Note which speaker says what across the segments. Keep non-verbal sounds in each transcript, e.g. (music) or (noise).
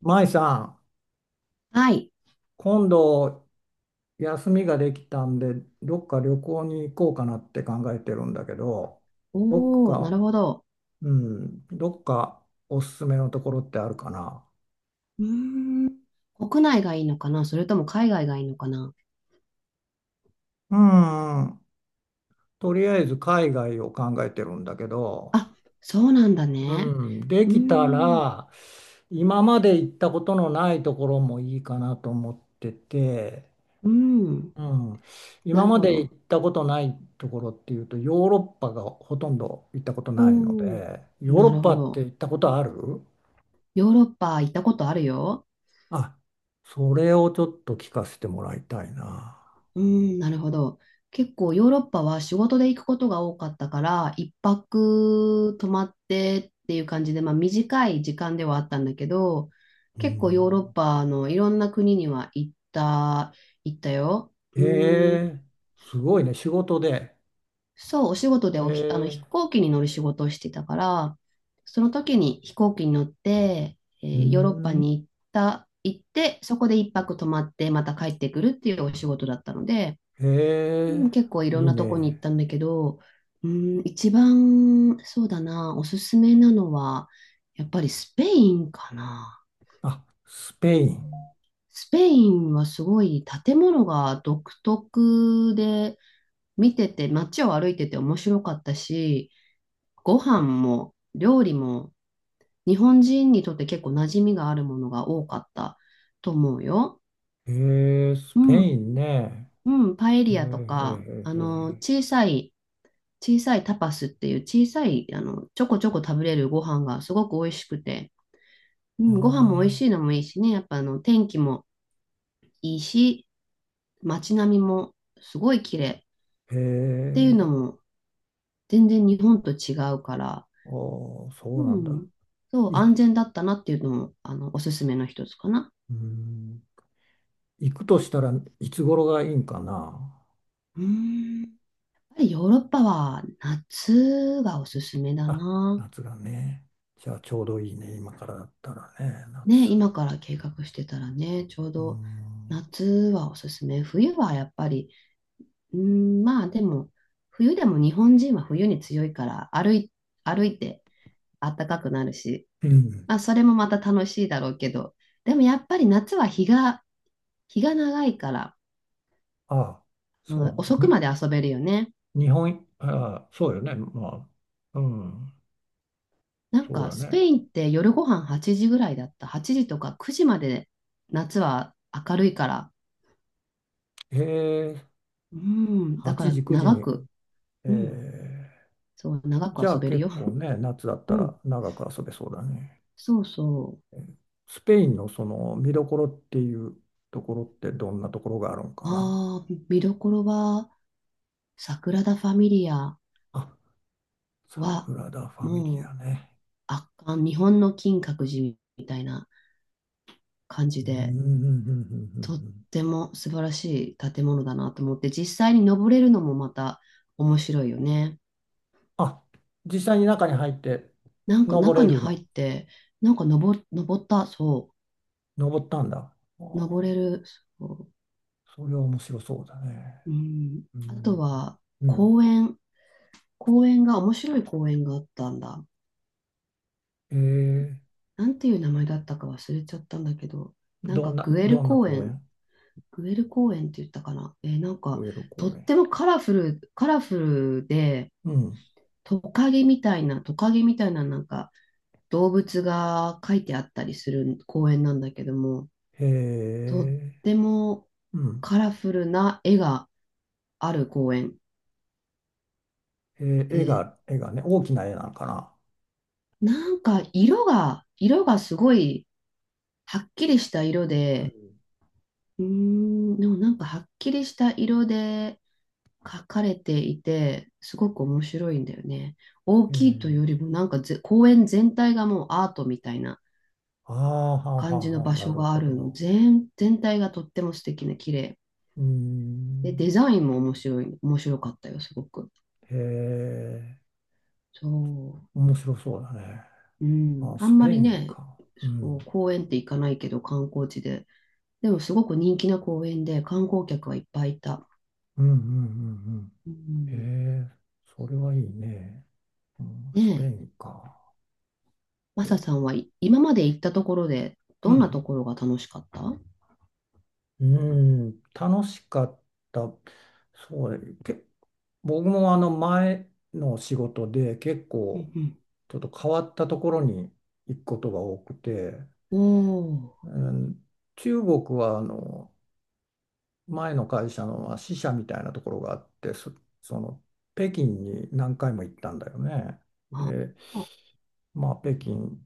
Speaker 1: 舞さん、
Speaker 2: はい。
Speaker 1: 今度休みができたんで、どっか旅行に行こうかなって考えてるんだけど、どっ
Speaker 2: おお、な
Speaker 1: か、
Speaker 2: るほど。
Speaker 1: うん、どっかおすすめのところってあるかな。
Speaker 2: 国内がいいのかな、それとも海外がいいのかな。
Speaker 1: うん、とりあえず海外を考えてるんだけど、
Speaker 2: あ、そうなんだね。
Speaker 1: うん、で
Speaker 2: うー
Speaker 1: きた
Speaker 2: ん、
Speaker 1: ら、今まで行ったことのないところもいいかなと思ってて、
Speaker 2: うん。
Speaker 1: うん、
Speaker 2: な
Speaker 1: 今
Speaker 2: る
Speaker 1: ま
Speaker 2: ほ
Speaker 1: で
Speaker 2: ど。
Speaker 1: 行ったことないところっていうとヨーロッパがほとんど行ったことないの
Speaker 2: おお、
Speaker 1: でヨーロ
Speaker 2: な
Speaker 1: ッ
Speaker 2: る
Speaker 1: パ
Speaker 2: ほ
Speaker 1: って行
Speaker 2: ど。
Speaker 1: ったことある。
Speaker 2: ヨーロッパ行ったことあるよ。
Speaker 1: あ、それをちょっと聞かせてもらいたいな。
Speaker 2: うーん、なるほど。結構ヨーロッパは仕事で行くことが多かったから、一泊泊まってっていう感じで、まあ短い時間ではあったんだけど、
Speaker 1: う
Speaker 2: 結構ヨーロッ
Speaker 1: ん、
Speaker 2: パのいろんな国には行ったよ。
Speaker 1: え
Speaker 2: うーん、
Speaker 1: え、すごいね、仕事で。
Speaker 2: そう、お仕事であの、飛
Speaker 1: ええ、
Speaker 2: 行機に乗る仕事をしてたから、その時に飛行機に乗って、
Speaker 1: う
Speaker 2: ヨーロッパ
Speaker 1: ん、
Speaker 2: に行って、そこで一泊泊まって、また帰ってくるっていうお仕事だったので、
Speaker 1: え
Speaker 2: うん、結構い
Speaker 1: え、
Speaker 2: ろん
Speaker 1: いい
Speaker 2: なとこに行っ
Speaker 1: ね。
Speaker 2: たんだけど、うん、一番、そうだな、おすすめなのは、やっぱりスペインかな。
Speaker 1: あ、スペイン。
Speaker 2: スペインはすごい建物が独特で、見てて、街を歩いてて面白かったし、ご飯も料理も日本人にとって結構馴染みがあるものが多かったと思うよ。
Speaker 1: ええ、ス
Speaker 2: う
Speaker 1: ペ
Speaker 2: ん、
Speaker 1: インね。
Speaker 2: うん、パエ
Speaker 1: ええ
Speaker 2: リアとか、
Speaker 1: え
Speaker 2: あ
Speaker 1: え
Speaker 2: の、
Speaker 1: ええ、
Speaker 2: 小さいタパスっていう小さい、あの、ちょこちょこ食べれるご飯がすごく美味しくて、う
Speaker 1: ああ、
Speaker 2: ん、ご飯も美味しいのもいいしね、やっぱ、あの、天気もいいし、街並みもすごい綺麗っていうの
Speaker 1: ええ、
Speaker 2: も全然日本と違うから、
Speaker 1: ああ、そ
Speaker 2: う
Speaker 1: うなんだ。
Speaker 2: ん、そう、
Speaker 1: い、う
Speaker 2: 安全だったなっていうのも、あの、おすすめの一つかな。
Speaker 1: ーん、行くとしたらいつ頃がいいんかな。
Speaker 2: うーん。やっぱりヨーロッパは夏がおすすめだ
Speaker 1: あ、
Speaker 2: な。
Speaker 1: 夏がね。じゃあちょうどいいね。今からだったらね、
Speaker 2: ね、
Speaker 1: 夏。
Speaker 2: 今
Speaker 1: う
Speaker 2: から計画してたらね、ちょう
Speaker 1: ー
Speaker 2: ど
Speaker 1: ん。
Speaker 2: 夏はおすすめ。冬はやっぱり、うーん、まあでも、冬でも日本人は冬に強いから歩いて暖かくなるし、
Speaker 1: うん。
Speaker 2: まあそれもまた楽しいだろうけど、でもやっぱり夏は日が長いから、
Speaker 1: ああ、そう
Speaker 2: うん、
Speaker 1: なの。
Speaker 2: 遅く
Speaker 1: に、
Speaker 2: まで遊べるよね。
Speaker 1: 日本、ああ、そうよね。まあ、うん、
Speaker 2: なん
Speaker 1: そう
Speaker 2: か
Speaker 1: だ
Speaker 2: スペ
Speaker 1: ね。
Speaker 2: インって夜ご飯8時ぐらいだった。8時とか9時まで夏は明るいから。
Speaker 1: ええ、
Speaker 2: うん、だか
Speaker 1: 8
Speaker 2: ら
Speaker 1: 時、9時
Speaker 2: 長
Speaker 1: に、
Speaker 2: く、
Speaker 1: え
Speaker 2: うん、
Speaker 1: え、
Speaker 2: そう、長く
Speaker 1: じゃ
Speaker 2: 遊
Speaker 1: あ
Speaker 2: べるよ。
Speaker 1: 結構ね、夏だっ
Speaker 2: う
Speaker 1: た
Speaker 2: ん、
Speaker 1: ら長く遊べそうだね。
Speaker 2: そうそ
Speaker 1: スペインのその見どころっていうところってどんなところがあるん
Speaker 2: う。
Speaker 1: かな。
Speaker 2: ああ、見どころは、サグラダ・ファミリア
Speaker 1: あ、サ
Speaker 2: は、
Speaker 1: グラダ・ファミリ
Speaker 2: もう
Speaker 1: アね。
Speaker 2: 圧巻、日本の金閣寺みたいな感
Speaker 1: う
Speaker 2: じ
Speaker 1: んうんう
Speaker 2: で、
Speaker 1: んうんうん
Speaker 2: とっ
Speaker 1: うん。
Speaker 2: ても素晴らしい建物だなと思って、実際に登れるのもまた面白いよね。
Speaker 1: あ、実際に中に入って
Speaker 2: なんか
Speaker 1: 登
Speaker 2: 中
Speaker 1: れ
Speaker 2: に
Speaker 1: る
Speaker 2: 入っ
Speaker 1: の。
Speaker 2: て、なんか登った、そ
Speaker 1: 登ったんだ。ああ、
Speaker 2: う、登れる、そ
Speaker 1: それは面白そうだね。
Speaker 2: う、うん。
Speaker 1: う
Speaker 2: あと
Speaker 1: ん。
Speaker 2: は、
Speaker 1: うん。
Speaker 2: 公園、公園が、面白い公園があったんだ。
Speaker 1: えー、
Speaker 2: なんていう名前だったか忘れちゃったんだけど、なん
Speaker 1: ど
Speaker 2: か
Speaker 1: んな、
Speaker 2: グエル
Speaker 1: どんな
Speaker 2: 公
Speaker 1: 公
Speaker 2: 園、
Speaker 1: 園、
Speaker 2: グエル公園って言ったかな。なんか、
Speaker 1: グエル
Speaker 2: とっ
Speaker 1: 公園。
Speaker 2: てもカラフル、カラフルで、
Speaker 1: うん。
Speaker 2: トカゲみたいな、なんか、動物が書いてあったりする公園なんだけども、
Speaker 1: へ
Speaker 2: とっ
Speaker 1: え、
Speaker 2: ても
Speaker 1: うん。
Speaker 2: カラフルな絵がある公園
Speaker 1: えー、絵
Speaker 2: で、
Speaker 1: が、絵がね、大きな絵なのかな。
Speaker 2: なんか色がすごいはっきりした色
Speaker 1: うん。
Speaker 2: で、うーん、でもなんかはっきりした色で描かれていて、すごく面白いんだよね。大
Speaker 1: え
Speaker 2: きいというより
Speaker 1: ー、
Speaker 2: もなんか公園全体がもうアートみたいな
Speaker 1: ああ、はあは
Speaker 2: 感じ
Speaker 1: あ
Speaker 2: の
Speaker 1: はあ、
Speaker 2: 場
Speaker 1: な
Speaker 2: 所
Speaker 1: る
Speaker 2: があ
Speaker 1: ほ
Speaker 2: るの。
Speaker 1: ど。
Speaker 2: 全体がとっても素敵な綺麗。
Speaker 1: うー
Speaker 2: で、デ
Speaker 1: ん。
Speaker 2: ザインも面白かったよ、すごく。
Speaker 1: へえ、
Speaker 2: そう。
Speaker 1: 面白そうだね。
Speaker 2: う
Speaker 1: あ、
Speaker 2: ん、あ
Speaker 1: ス
Speaker 2: んま
Speaker 1: ペイ
Speaker 2: り
Speaker 1: ン
Speaker 2: ね、
Speaker 1: か。う
Speaker 2: そう、
Speaker 1: ん。
Speaker 2: 公園って行かないけど、観光地で。でも、すごく人気な公園で、観光客はいっぱいいた。
Speaker 1: うんうんうん
Speaker 2: う
Speaker 1: う
Speaker 2: ん、
Speaker 1: ん。へえ、それはいいね。うん、
Speaker 2: ね
Speaker 1: スペイ
Speaker 2: え、
Speaker 1: ンか。
Speaker 2: マサさん
Speaker 1: え、
Speaker 2: は、い今まで行ったところで、
Speaker 1: う
Speaker 2: どんな
Speaker 1: ん。
Speaker 2: ところが楽しかった？うん、
Speaker 1: うん、楽しかった。そう、け、僕もあの前の仕事で結
Speaker 2: う
Speaker 1: 構
Speaker 2: ん。
Speaker 1: ちょっと変わったところに行くことが多くて、
Speaker 2: おー、
Speaker 1: うん、中国はあの前の会社のまあ支社みたいなところがあって、そ、その北京に何回も行ったんだよね。
Speaker 2: あ、
Speaker 1: で、まあ、北京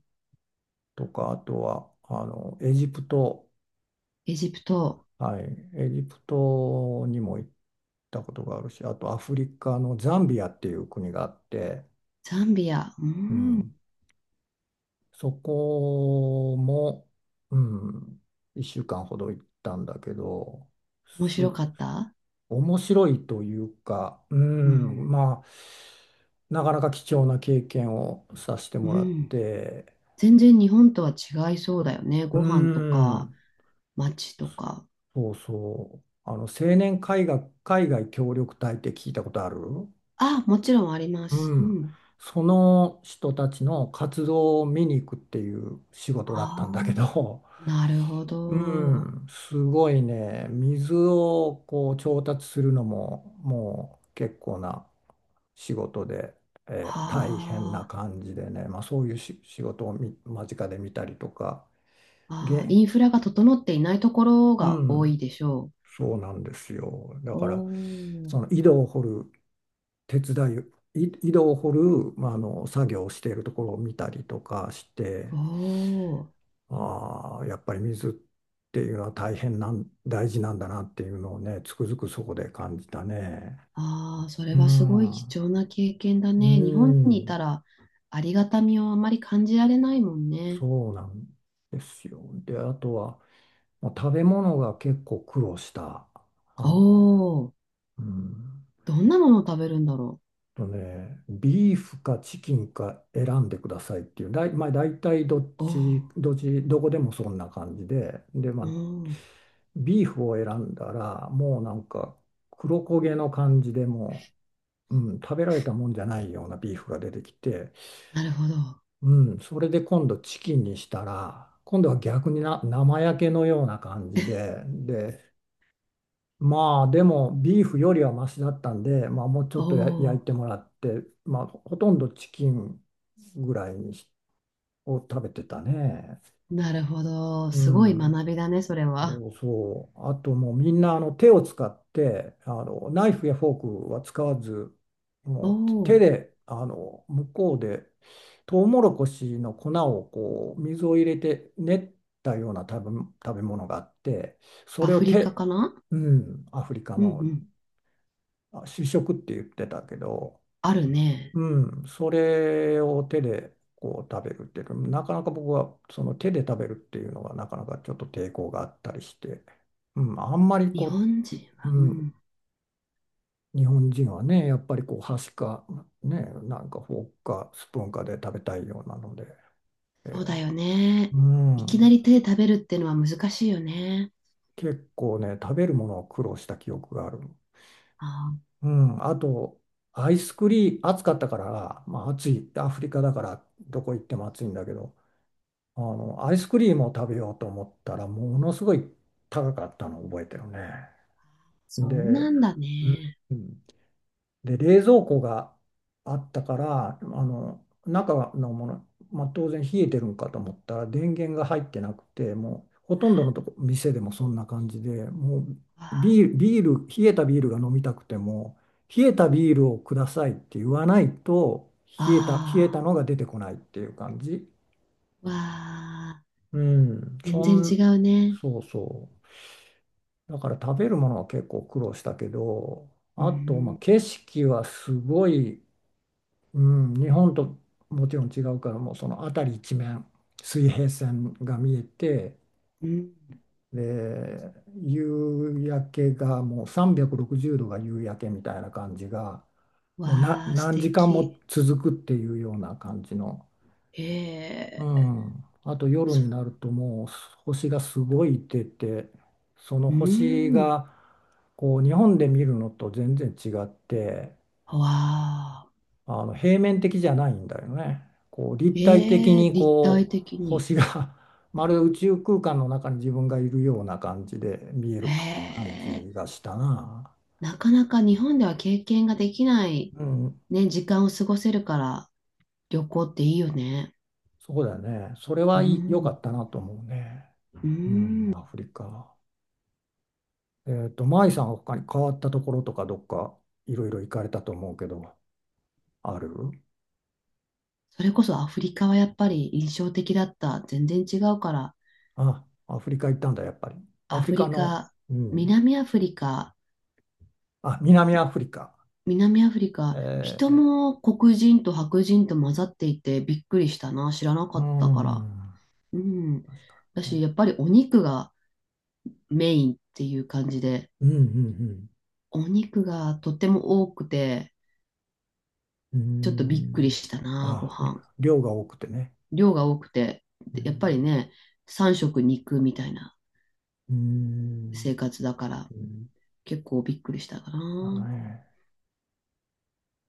Speaker 1: とか、あとはあのエジプト、
Speaker 2: エジプト、
Speaker 1: はい、エジプトにも行ったことがあるし、あとアフリカのザンビアっていう国があって、
Speaker 2: ザンビア、う
Speaker 1: う
Speaker 2: ん、
Speaker 1: ん、そこも、うん、1週間ほど行ったんだけど、
Speaker 2: 面
Speaker 1: す、
Speaker 2: 白かった？
Speaker 1: 面白いというか、う
Speaker 2: う
Speaker 1: ん、
Speaker 2: ん、
Speaker 1: まあ、なかなか貴重な経験をさせて
Speaker 2: う
Speaker 1: もらっ
Speaker 2: ん。
Speaker 1: て、
Speaker 2: 全然日本とは違いそうだよね。
Speaker 1: う
Speaker 2: ご飯とか、
Speaker 1: ん、
Speaker 2: 街とか。
Speaker 1: そうそう、あの、青年海外、海外協力隊って聞いたことある。
Speaker 2: あ、もちろんあります。
Speaker 1: う
Speaker 2: う
Speaker 1: ん、
Speaker 2: ん。
Speaker 1: その人たちの活動を見に行くっていう仕事だっ
Speaker 2: あ
Speaker 1: たんだけ
Speaker 2: あ、
Speaker 1: ど、
Speaker 2: なるほ
Speaker 1: う
Speaker 2: ど。
Speaker 1: ん、すごいね。水をこう調達するのももう結構な仕事で、大変な
Speaker 2: はあ、
Speaker 1: 感じでね、まあ、そういうし仕事をみ間近で見たりとか、げ
Speaker 2: あー、
Speaker 1: ん、
Speaker 2: インフラが整っていないところ
Speaker 1: う
Speaker 2: が多
Speaker 1: ん、
Speaker 2: いでしょ
Speaker 1: そうなんですよ。だ
Speaker 2: う。
Speaker 1: から
Speaker 2: おー、
Speaker 1: その井戸を掘る手伝い、い井戸を掘る、まあ、あの作業をしているところを見たりとかして。
Speaker 2: おー、
Speaker 1: ああ、やっぱり水っていうのは大変なん、大事なんだなっていうのをね、つくづくそこで感じたね。
Speaker 2: ああ、それ
Speaker 1: う
Speaker 2: はすごい貴
Speaker 1: ん、
Speaker 2: 重な経験だ
Speaker 1: う
Speaker 2: ね。日本にい
Speaker 1: ん、
Speaker 2: たらありがたみをあまり感じられないもんね。
Speaker 1: そうなんですよ。で、あとは、まあ食べ物が結構苦労した。
Speaker 2: お
Speaker 1: あ、
Speaker 2: お、
Speaker 1: うん
Speaker 2: どんなものを食べるんだろ
Speaker 1: とね、ビーフかチキンか選んでくださいっていう、だい、まあ、大体どっ
Speaker 2: う。お
Speaker 1: ち、どっち、どこでもそんな感じで、で、まあ、
Speaker 2: おー、
Speaker 1: ビーフを選んだら、もうなんか黒焦げの感じでもう、うん、食べられたもんじゃないようなビーフが出てきて、
Speaker 2: なるほど。
Speaker 1: うん、それで今度チキンにしたら、今度は逆にな生焼けのような感じで、で、まあでもビーフよりはマシだったんで、まあ、もうち
Speaker 2: お
Speaker 1: ょっとや焼い
Speaker 2: お。
Speaker 1: てもらって、まあ、ほとんどチキンぐらいにしを食べてたね。
Speaker 2: なるほど。
Speaker 1: う
Speaker 2: すごい
Speaker 1: ん。
Speaker 2: 学びだね、それは。
Speaker 1: そうそう。あともうみんなあの手を使ってあのナイフやフォークは使わず
Speaker 2: お
Speaker 1: もう手
Speaker 2: お、
Speaker 1: であの向こうでトウモロコシの粉をこう水を入れて練ったような食べ、食べ物があってそ
Speaker 2: ア
Speaker 1: れを
Speaker 2: フリカ
Speaker 1: 手、
Speaker 2: かな。
Speaker 1: うん、アフリカ
Speaker 2: うんう
Speaker 1: の
Speaker 2: ん。
Speaker 1: あ、主食って言ってたけど、
Speaker 2: あるね。
Speaker 1: うん、それを手でこう食べるっていうのなかなか僕はその手で食べるっていうのがなかなかちょっと抵抗があったりして、うん、あんまり
Speaker 2: 日
Speaker 1: こ
Speaker 2: 本人
Speaker 1: う、い
Speaker 2: は、う
Speaker 1: うん、
Speaker 2: ん。
Speaker 1: 日本人はね、やっぱりこう箸か、ね、なんかフォークかスプーンかで食べたいようなので、
Speaker 2: そうだ
Speaker 1: え
Speaker 2: よね。
Speaker 1: う
Speaker 2: いきな
Speaker 1: ん、
Speaker 2: り手で食べるっていうのは難しいよね。
Speaker 1: 結構ね、食べるものを苦労した記憶がある。
Speaker 2: ああ、
Speaker 1: うん、あと、アイスクリーム、暑かったから、まあ、暑い、アフリカだから、どこ行っても暑いんだけど、あの、アイスクリームを食べようと思ったら、ものすごい高かったのを覚えてるね。
Speaker 2: そ
Speaker 1: で、
Speaker 2: うなんだ
Speaker 1: うん、
Speaker 2: ね。
Speaker 1: で、冷蔵庫があったから、あの、中のもの、まあ、当然冷えてるんかと思ったら、電源が入ってなくて、もうほとんどのとこ、店でもそんな感じで、もう
Speaker 2: わあ、
Speaker 1: ビール、ビール、冷えたビールが飲みたくても、冷えたビールをくださいって言わないと、冷えた、冷えた
Speaker 2: あ
Speaker 1: のが出てこないっていう感じ。
Speaker 2: ー、わあ、
Speaker 1: うん、
Speaker 2: 全
Speaker 1: そ
Speaker 2: 然違
Speaker 1: ん、
Speaker 2: うね。
Speaker 1: そうそう。だから食べるものは結構苦労したけど、
Speaker 2: う
Speaker 1: あと、まあ、
Speaker 2: ん、
Speaker 1: 景色はすごい、うん、日本ともちろん違うからもうその辺り一面水平線が見えて
Speaker 2: うん。
Speaker 1: で夕焼けがもう360度が夕焼けみたいな感じがもうな
Speaker 2: わあ、素
Speaker 1: 何時間も
Speaker 2: 敵。
Speaker 1: 続くっていうような感じの、う
Speaker 2: ええ、
Speaker 1: ん、あと夜に
Speaker 2: そ
Speaker 1: なるともう星がすごい出てその
Speaker 2: う。う
Speaker 1: 星
Speaker 2: ん。
Speaker 1: がこう日本で見るのと全然違って。
Speaker 2: わあ、
Speaker 1: あの平面的じゃないんだよね。こう立体的
Speaker 2: ええ、
Speaker 1: に
Speaker 2: 立体
Speaker 1: こう
Speaker 2: 的に。
Speaker 1: 星が (laughs) まるで (laughs) 宇宙空間の中に自分がいるような感じで見え
Speaker 2: え
Speaker 1: る感
Speaker 2: え。
Speaker 1: じがしたな。
Speaker 2: なかなか日本では経験ができない、
Speaker 1: うん、
Speaker 2: ね、時間を過ごせるから旅行っていいよね。
Speaker 1: そうだよね。それ
Speaker 2: う
Speaker 1: はいい良かっ
Speaker 2: ん。
Speaker 1: たなと思うね。
Speaker 2: う
Speaker 1: うん、
Speaker 2: ん。
Speaker 1: アフリカ。えっと、マイさんは他に変わったところとかどっかいろいろ行かれたと思うけど、ある。
Speaker 2: それこそアフリカはやっぱり印象的だった。全然違うから。
Speaker 1: あ、アフリカ行ったんだ、やっぱり。ア
Speaker 2: ア
Speaker 1: フリ
Speaker 2: フ
Speaker 1: カ
Speaker 2: リ
Speaker 1: の、
Speaker 2: カ、
Speaker 1: うん。
Speaker 2: 南アフリカ、
Speaker 1: あ、南アフリカ。
Speaker 2: 南アフリカ、人
Speaker 1: え
Speaker 2: も黒人と白人と混ざっていてびっくりしたな。知らなか
Speaker 1: ー、う
Speaker 2: ったから。
Speaker 1: ん。
Speaker 2: うん。
Speaker 1: 確か
Speaker 2: だ
Speaker 1: に
Speaker 2: し、や
Speaker 1: ね。
Speaker 2: っぱりお肉がメインっていう感じで、
Speaker 1: うんうん
Speaker 2: お肉がとても多くて、
Speaker 1: うん。
Speaker 2: ちょっとびっくり
Speaker 1: う
Speaker 2: した
Speaker 1: ーん。
Speaker 2: な、ご
Speaker 1: ああ、り
Speaker 2: 飯。
Speaker 1: 量が多くてね。
Speaker 2: 量が多くて、
Speaker 1: う
Speaker 2: やっぱり
Speaker 1: ん。
Speaker 2: ね、三食肉みたいな
Speaker 1: うー
Speaker 2: 生
Speaker 1: ん。
Speaker 2: 活だから、
Speaker 1: うん、
Speaker 2: 結構びっくりしたか
Speaker 1: だ
Speaker 2: な。
Speaker 1: ね。